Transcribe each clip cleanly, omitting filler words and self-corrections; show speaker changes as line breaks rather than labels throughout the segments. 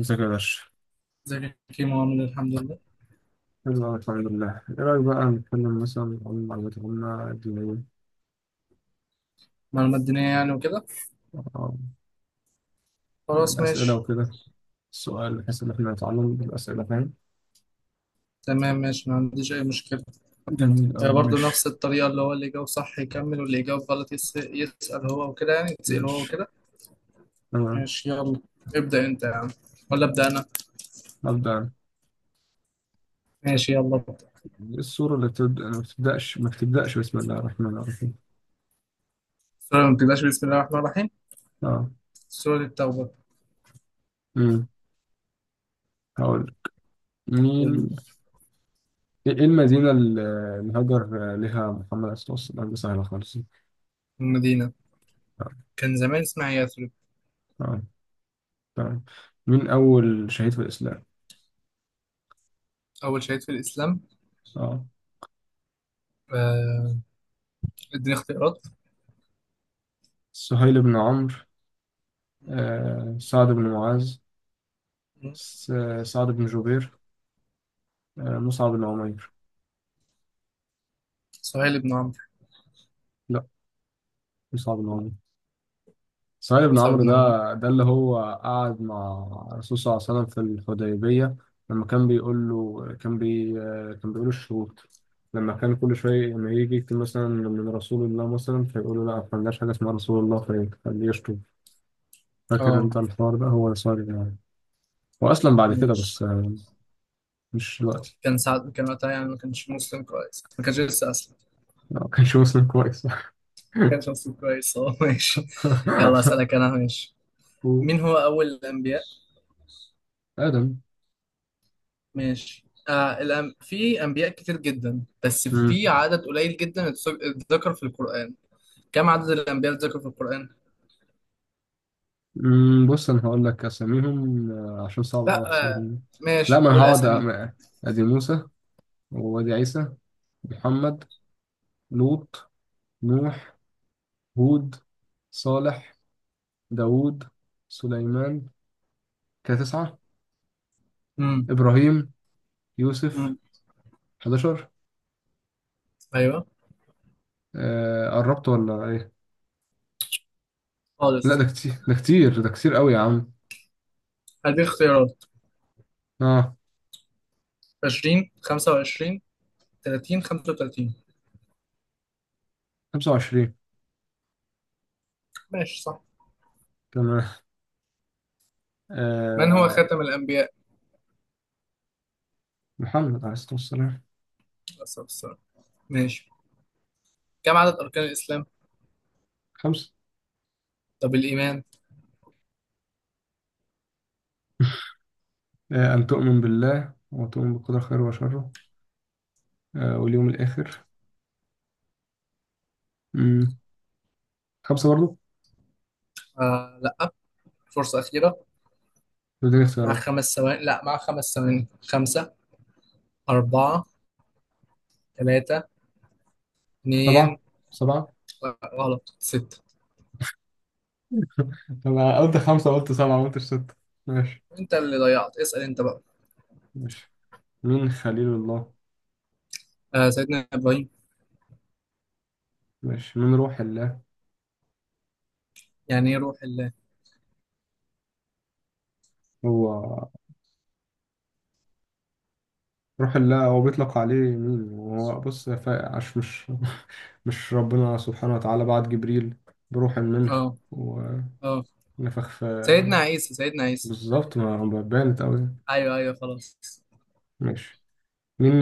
ازيك يا باشا؟
ازيك يا كيمو عامل إيه؟ الحمد لله.
يلا، الحمد لله، إيه رأيك بقى نتكلم مثلا عن معلومات العامة الدينية؟
معلومات دينية يعني وكده.
آه،
خلاص
يعني أسئلة
ماشي.
وكده، السؤال بحيث إن إحنا نتعلم بالأسئلة فاهم؟
تمام ماشي، ما عنديش أي مشكلة.
جميل أوي.
آه، برضو
ماشي.
نفس الطريقة، اللي هو اللي يجاوب صح يكمل واللي يجاوب غلط يسأل هو وكده، يعني يتسأل هو
ماشي.
وكده.
تمام.
ماشي يلا. ابدأ أنت يا عم، ولا أبدأ أنا؟
أبدأ أنا.
ماشي يلا ابدأ.
السورة اللي بتبدأ ما بتبدأش بسم الله الرحمن الرحيم.
سورة ما بتبدأش بسم الله الرحمن الرحيم.
أه.
سورة التوبة.
أمم هقول مين. إيه المدينة اللي هاجر لها محمد عليه الصلاة والسلام. دي سهلة خالص. أه.
والمدينة كان زمان اسمها يثرب.
آه. تمام. مين أول شهيد في الإسلام؟
أول شهيد في الإسلام.
أه.
آه، اديني اختيارات.
سهيل بن عمرو.
م-
سعد بن معاذ.
م-
س- سعد بن جبير.
م-
مصعب بن عمير.
سهيل بن عمرو.
لا، مصعب بن عمير، سعيد بن
مصعب
عمرو.
بن
ده
عمرو.
ده اللي هو قعد مع الرسول صلى الله عليه وسلم في الحديبية، لما كان بيقول له، كان بي آه، كان بيقول الشروط. لما كان كل شوية لما يجي يكتب مثلا من رسول الله، مثلا فيقول له لا ما عندناش حاجة اسمها رسول الله فيخليه يشتم. فاكر
اه
انت الحوار ده؟ هو سعيد بن عمرو. هو أسلم بعد كده
ماشي.
بس. مش دلوقتي.
كان ساعات كان وقتها، يعني ما كانش مسلم كويس، ما كانش لسه أسلم.
لا، ما كانش مسلم كويس.
ما كانش مسلم كويس. هو ماشي. يلا أسألك أنا، ماشي.
و-
مين هو أول الأنبياء؟
آدم.
ماشي. في أنبياء كتير جدا، بس
مم.
في عدد قليل جدا اتذكر في القرآن. كم عدد الأنبياء اللي اتذكروا في القرآن؟
مم. بص أنا هقول لك أساميهم، عشان صعب أوي
لا
أحصرهم. لا،
ماشي،
ما أنا
قول
هقعد
أسامي.
أدي موسى، وأدي عيسى، محمد، لوط، نوح، هود، صالح، داوود، سليمان. كده تسعة.
امم.
إبراهيم، يوسف،
امم.
11.
أيوه
قربت ولا إيه؟ لا،
خالص.
ده كتير، ده كتير، ده كتير أوي يا عم.
هدي اختيارات.
آه،
20، 25، 30، 35.
25.
ماشي صح.
تمام.
من هو
آه،
خاتم الأنبياء؟
محمد عليه الصلاة والسلام.
بس بس. ماشي. كم عدد أركان الإسلام؟
خمسة.
طب الإيمان؟
آه، أن تؤمن بالله وتؤمن بالقدر خيره وشره، واليوم الآخر. مم. خمسة برضو.
آه لأ، فرصة أخيرة.
بدون
مع
اختيارات.
5 ثواني، لأ مع 5 ثواني. خمسة، أربعة، ثلاثة،
سبعة،
اتنين.
سبعة.
لأ، غلط، ستة.
أنا قلت خمسة، قلت سبعة، ما قلتش ستة. ماشي.
أنت اللي ضيعت، اسأل أنت بقى.
ماشي. مين خليل الله؟
آه سيدنا إبراهيم.
ماشي. مين روح الله؟
يعني إيه روح الله؟
هو، روح الله هو بيطلق عليه مين. هو بص يا عش مش. مش ربنا سبحانه وتعالى بعت جبريل بروح منه
آه. آه
ونفخ في.
سيدنا عيسى، سيدنا عيسى.
بالظبط. ما بانت أوي.
أيوه أيوه خلاص.
ماشي. مين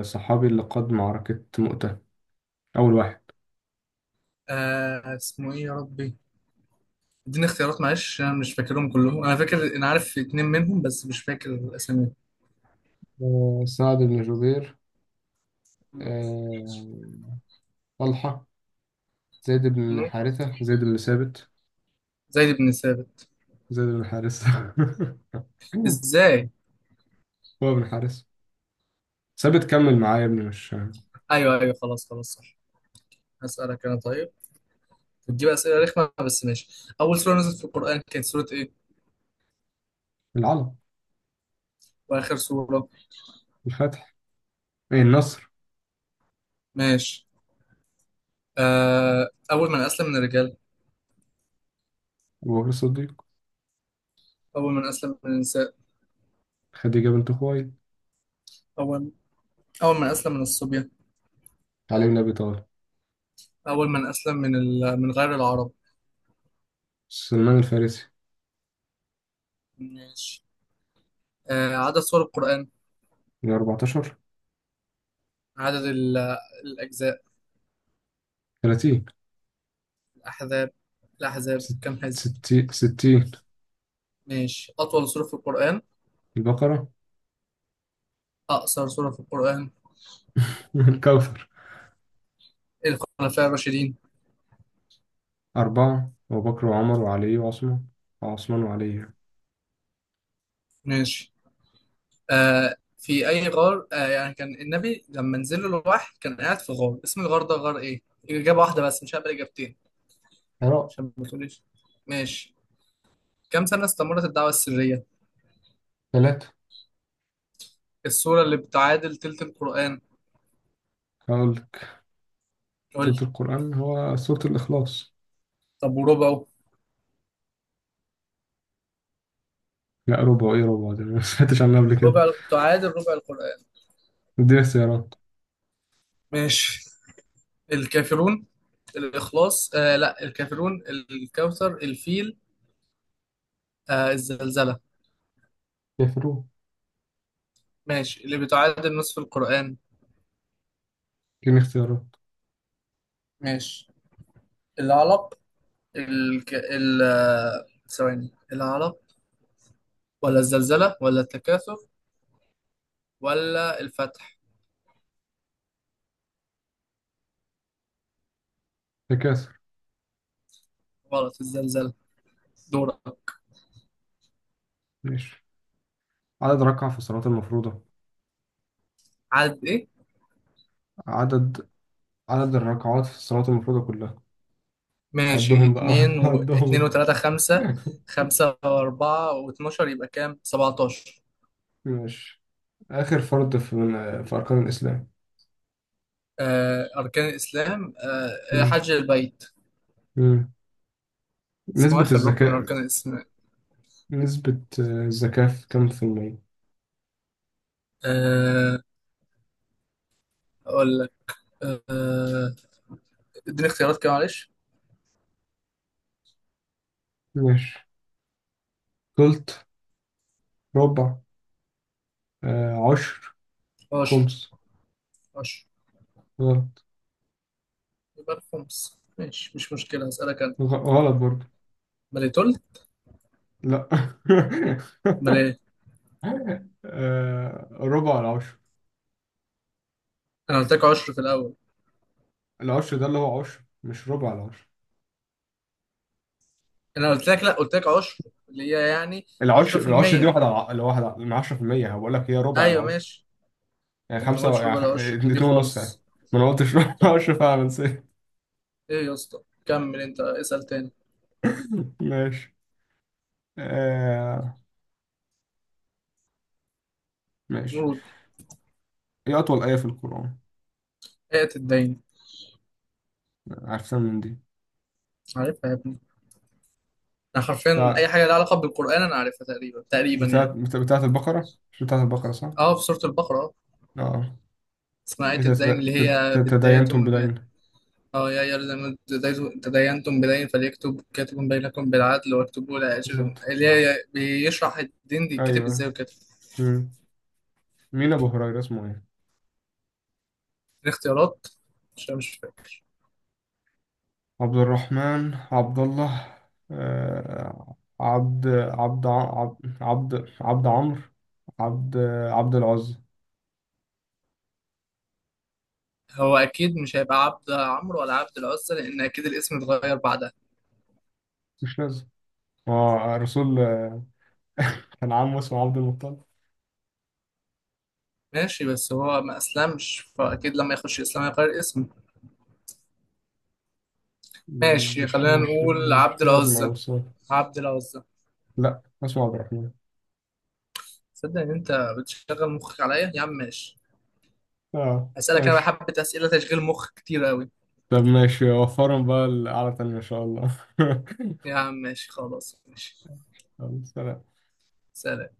الصحابي اللي قاد معركة مؤتة؟ أول واحد.
اسمه إيه يا ربي؟ اديني اختيارات معلش، أنا مش فاكرهم كلهم، أنا فاكر، أنا عارف اتنين منهم بس مش فاكر الأسامي.
سعد بن جبير.
م-
آه، طلحة، زيد بن
م-
حارثة، زيد بن ثابت،
زيد بن ثابت.
زيد بن حارثة.
إزاي؟
هو بن حارثة، ثابت. كمل معايا يا ابني مش.
ايوه ايوه خلاص خلاص صح. هسألك انا طيب، بتجيب اسئله رخمه بس ماشي. اول سوره نزلت في القران كانت سوره ايه؟
العلم.
واخر سوره؟
الفتح. إيه، النصر.
ماشي. اول من اسلم من الرجال؟
أبو بكر الصديق.
اول من اسلم من النساء؟
خديجة بنت خويلد.
اول اول من اسلم من الصبية؟
علي بن أبي طالب.
اول من اسلم من غير العرب؟
سلمان الفارسي.
ماشي. عدد سور القران؟
من 14.
عدد الاجزاء؟
30.
الاحزاب الاحزاب
ست-
كم حزب؟
60.
ماشي. اطول سوره في القران؟
البقرة.
اقصر سوره في القران؟
الكوثر.
الخلفاء الراشدين؟
أربعة: أبو بكر وعمر وعلي وعثمان. وعثمان وعلي.
ماشي. في اي غار، يعني كان النبي لما نزل له الوحي كان قاعد في غار، اسم الغار ده غار ايه؟ اجابه واحده بس، مش هقبل اجابتين،
قراءة.
عشان ما تقوليش. ماشي. كم سنه استمرت الدعوه السريه؟
ثلاثة.
السوره اللي بتعادل تلت القران؟
هقولك.
قول
سورة
لي.
القرآن هو سورة الإخلاص.
طب وربعه؟
لا، ربع إيه؟ ربع ده أنا ما سمعتش عنها قبل كده.
ربع تعادل ربع القران.
اديني اختيارات.
ماشي. الكافرون، الاخلاص، آه لا، الكافرون، الكوثر، الفيل، الزلزله.
كافرون.
ماشي. اللي بتعادل نصف القران؟
اديني اختيارات.
ماشي. العلق، الك... ال آه، ثواني، العرب، ولا الزلزلة، ولا التكاثر، ولا الفتح؟
تكاثر.
غلط. الزلزلة. دورة.
ماشي. عدد ركعة في الصلاة المفروضة.
عدد ايه؟
عدد عدد الركعات في الصلاة المفروضة كلها.
ماشي.
عدهم بقى. عدهم
اتنين
انت.
وتلاتة، خمسة. خمسة وأربعة واتناشر، يبقى كام؟ 17.
ماشي. آخر فرض في من في أركان الإسلام.
أركان الإسلام،
مم.
حج البيت.
مم.
اسمه إيه؟
نسبة
آخر ركن من
الزكاة.
أركان الإسلام.
نسبة الزكاة في كم في المية؟
آه أقول لك. آه اديني اختيارات كده معلش.
ماشي. تلت. ربع. آه، عشر.
عشر.
خمس.
عشر.
غلط.
يبقى الخمس، ماشي مش مشكلة، هسألك أنا.
غلط برضه.
مليتول.
لا.
ملي.
آه، ربع العشر.
انا قلت لك عشر في الاول.
العشر ده اللي هو عشر، مش ربع العشر.
انا قلت لك، لا قلت لك عشر، اللي هي يعني
العشر دي
10%.
واحد على اللي واحد من عشرة في المية، هقول لك هي ربع
ايوه
العشر.
ماشي.
يعني
طب ما
خمسة
تقولش
يعني
ربع العشر
اتنين،
دي
اتنين ونص يعني.
خالص.
ما انا قلتش ربع
طب،
العشر، فعلا نسيت.
ايه يا اسطى؟ كمل انت، اسال تاني.
ماشي. آه، ماشي.
قول.
ايه أطول آية في القرآن؟
ايه الدين؟
عارفها من دي.
عارفها يا ابني، انا حرفيا
بتاع،
اي حاجه لها علاقه بالقران انا عارفها تقريبا تقريبا
بتاعت،
يعني.
بتاعت البقرة، مش بتاعت البقرة صح؟
اه في سوره البقره، اه
اه.
اسمها آية
إذا
الدين، اللي هي بدايته
تداينتم بدين.
يا أيها الذين آمنوا تداينتم بدين فليكتب كاتب بينكم بالعدل واكتبوا، إلى آخر،
بالظبط.
اللي هي بيشرح الدين دي يتكتب
أيوه.
ازاي وكده.
مم. مين أبو هريرة اسمه إيه؟
الاختيارات، عشان مش فاكر.
عبد الرحمن، عبد الله، آه، عبد، عبد، عبد، عبد، عبد عمرو، عبد، عبد العزى.
هو اكيد مش هيبقى عبد عمرو ولا عبد العزة، لان اكيد الاسم اتغير بعدها.
مش لازم. هو الرسول كان عمه اسمه عبد المطلب.
ماشي بس هو ما اسلمش، فاكيد لما يخش الاسلام هيغير اسمه. ماشي
مش
خلينا
مش
نقول
مش
عبد
لازم
العزة.
أو السؤال.
عبد العزة.
لا، اسمه عبد الرحمن.
تصدق ان انت بتشغل مخك عليا يا عم؟ ماشي.
آه،
هسألك انا بقى
ماشي.
حبة اسئلة تشغيل مخ كتير قوي.
طب ماشي، وفرهم بقى القعدة التانية إن شاء الله.
يا عم ماشي خلاص ماشي.
يلا، سلام.
سلام.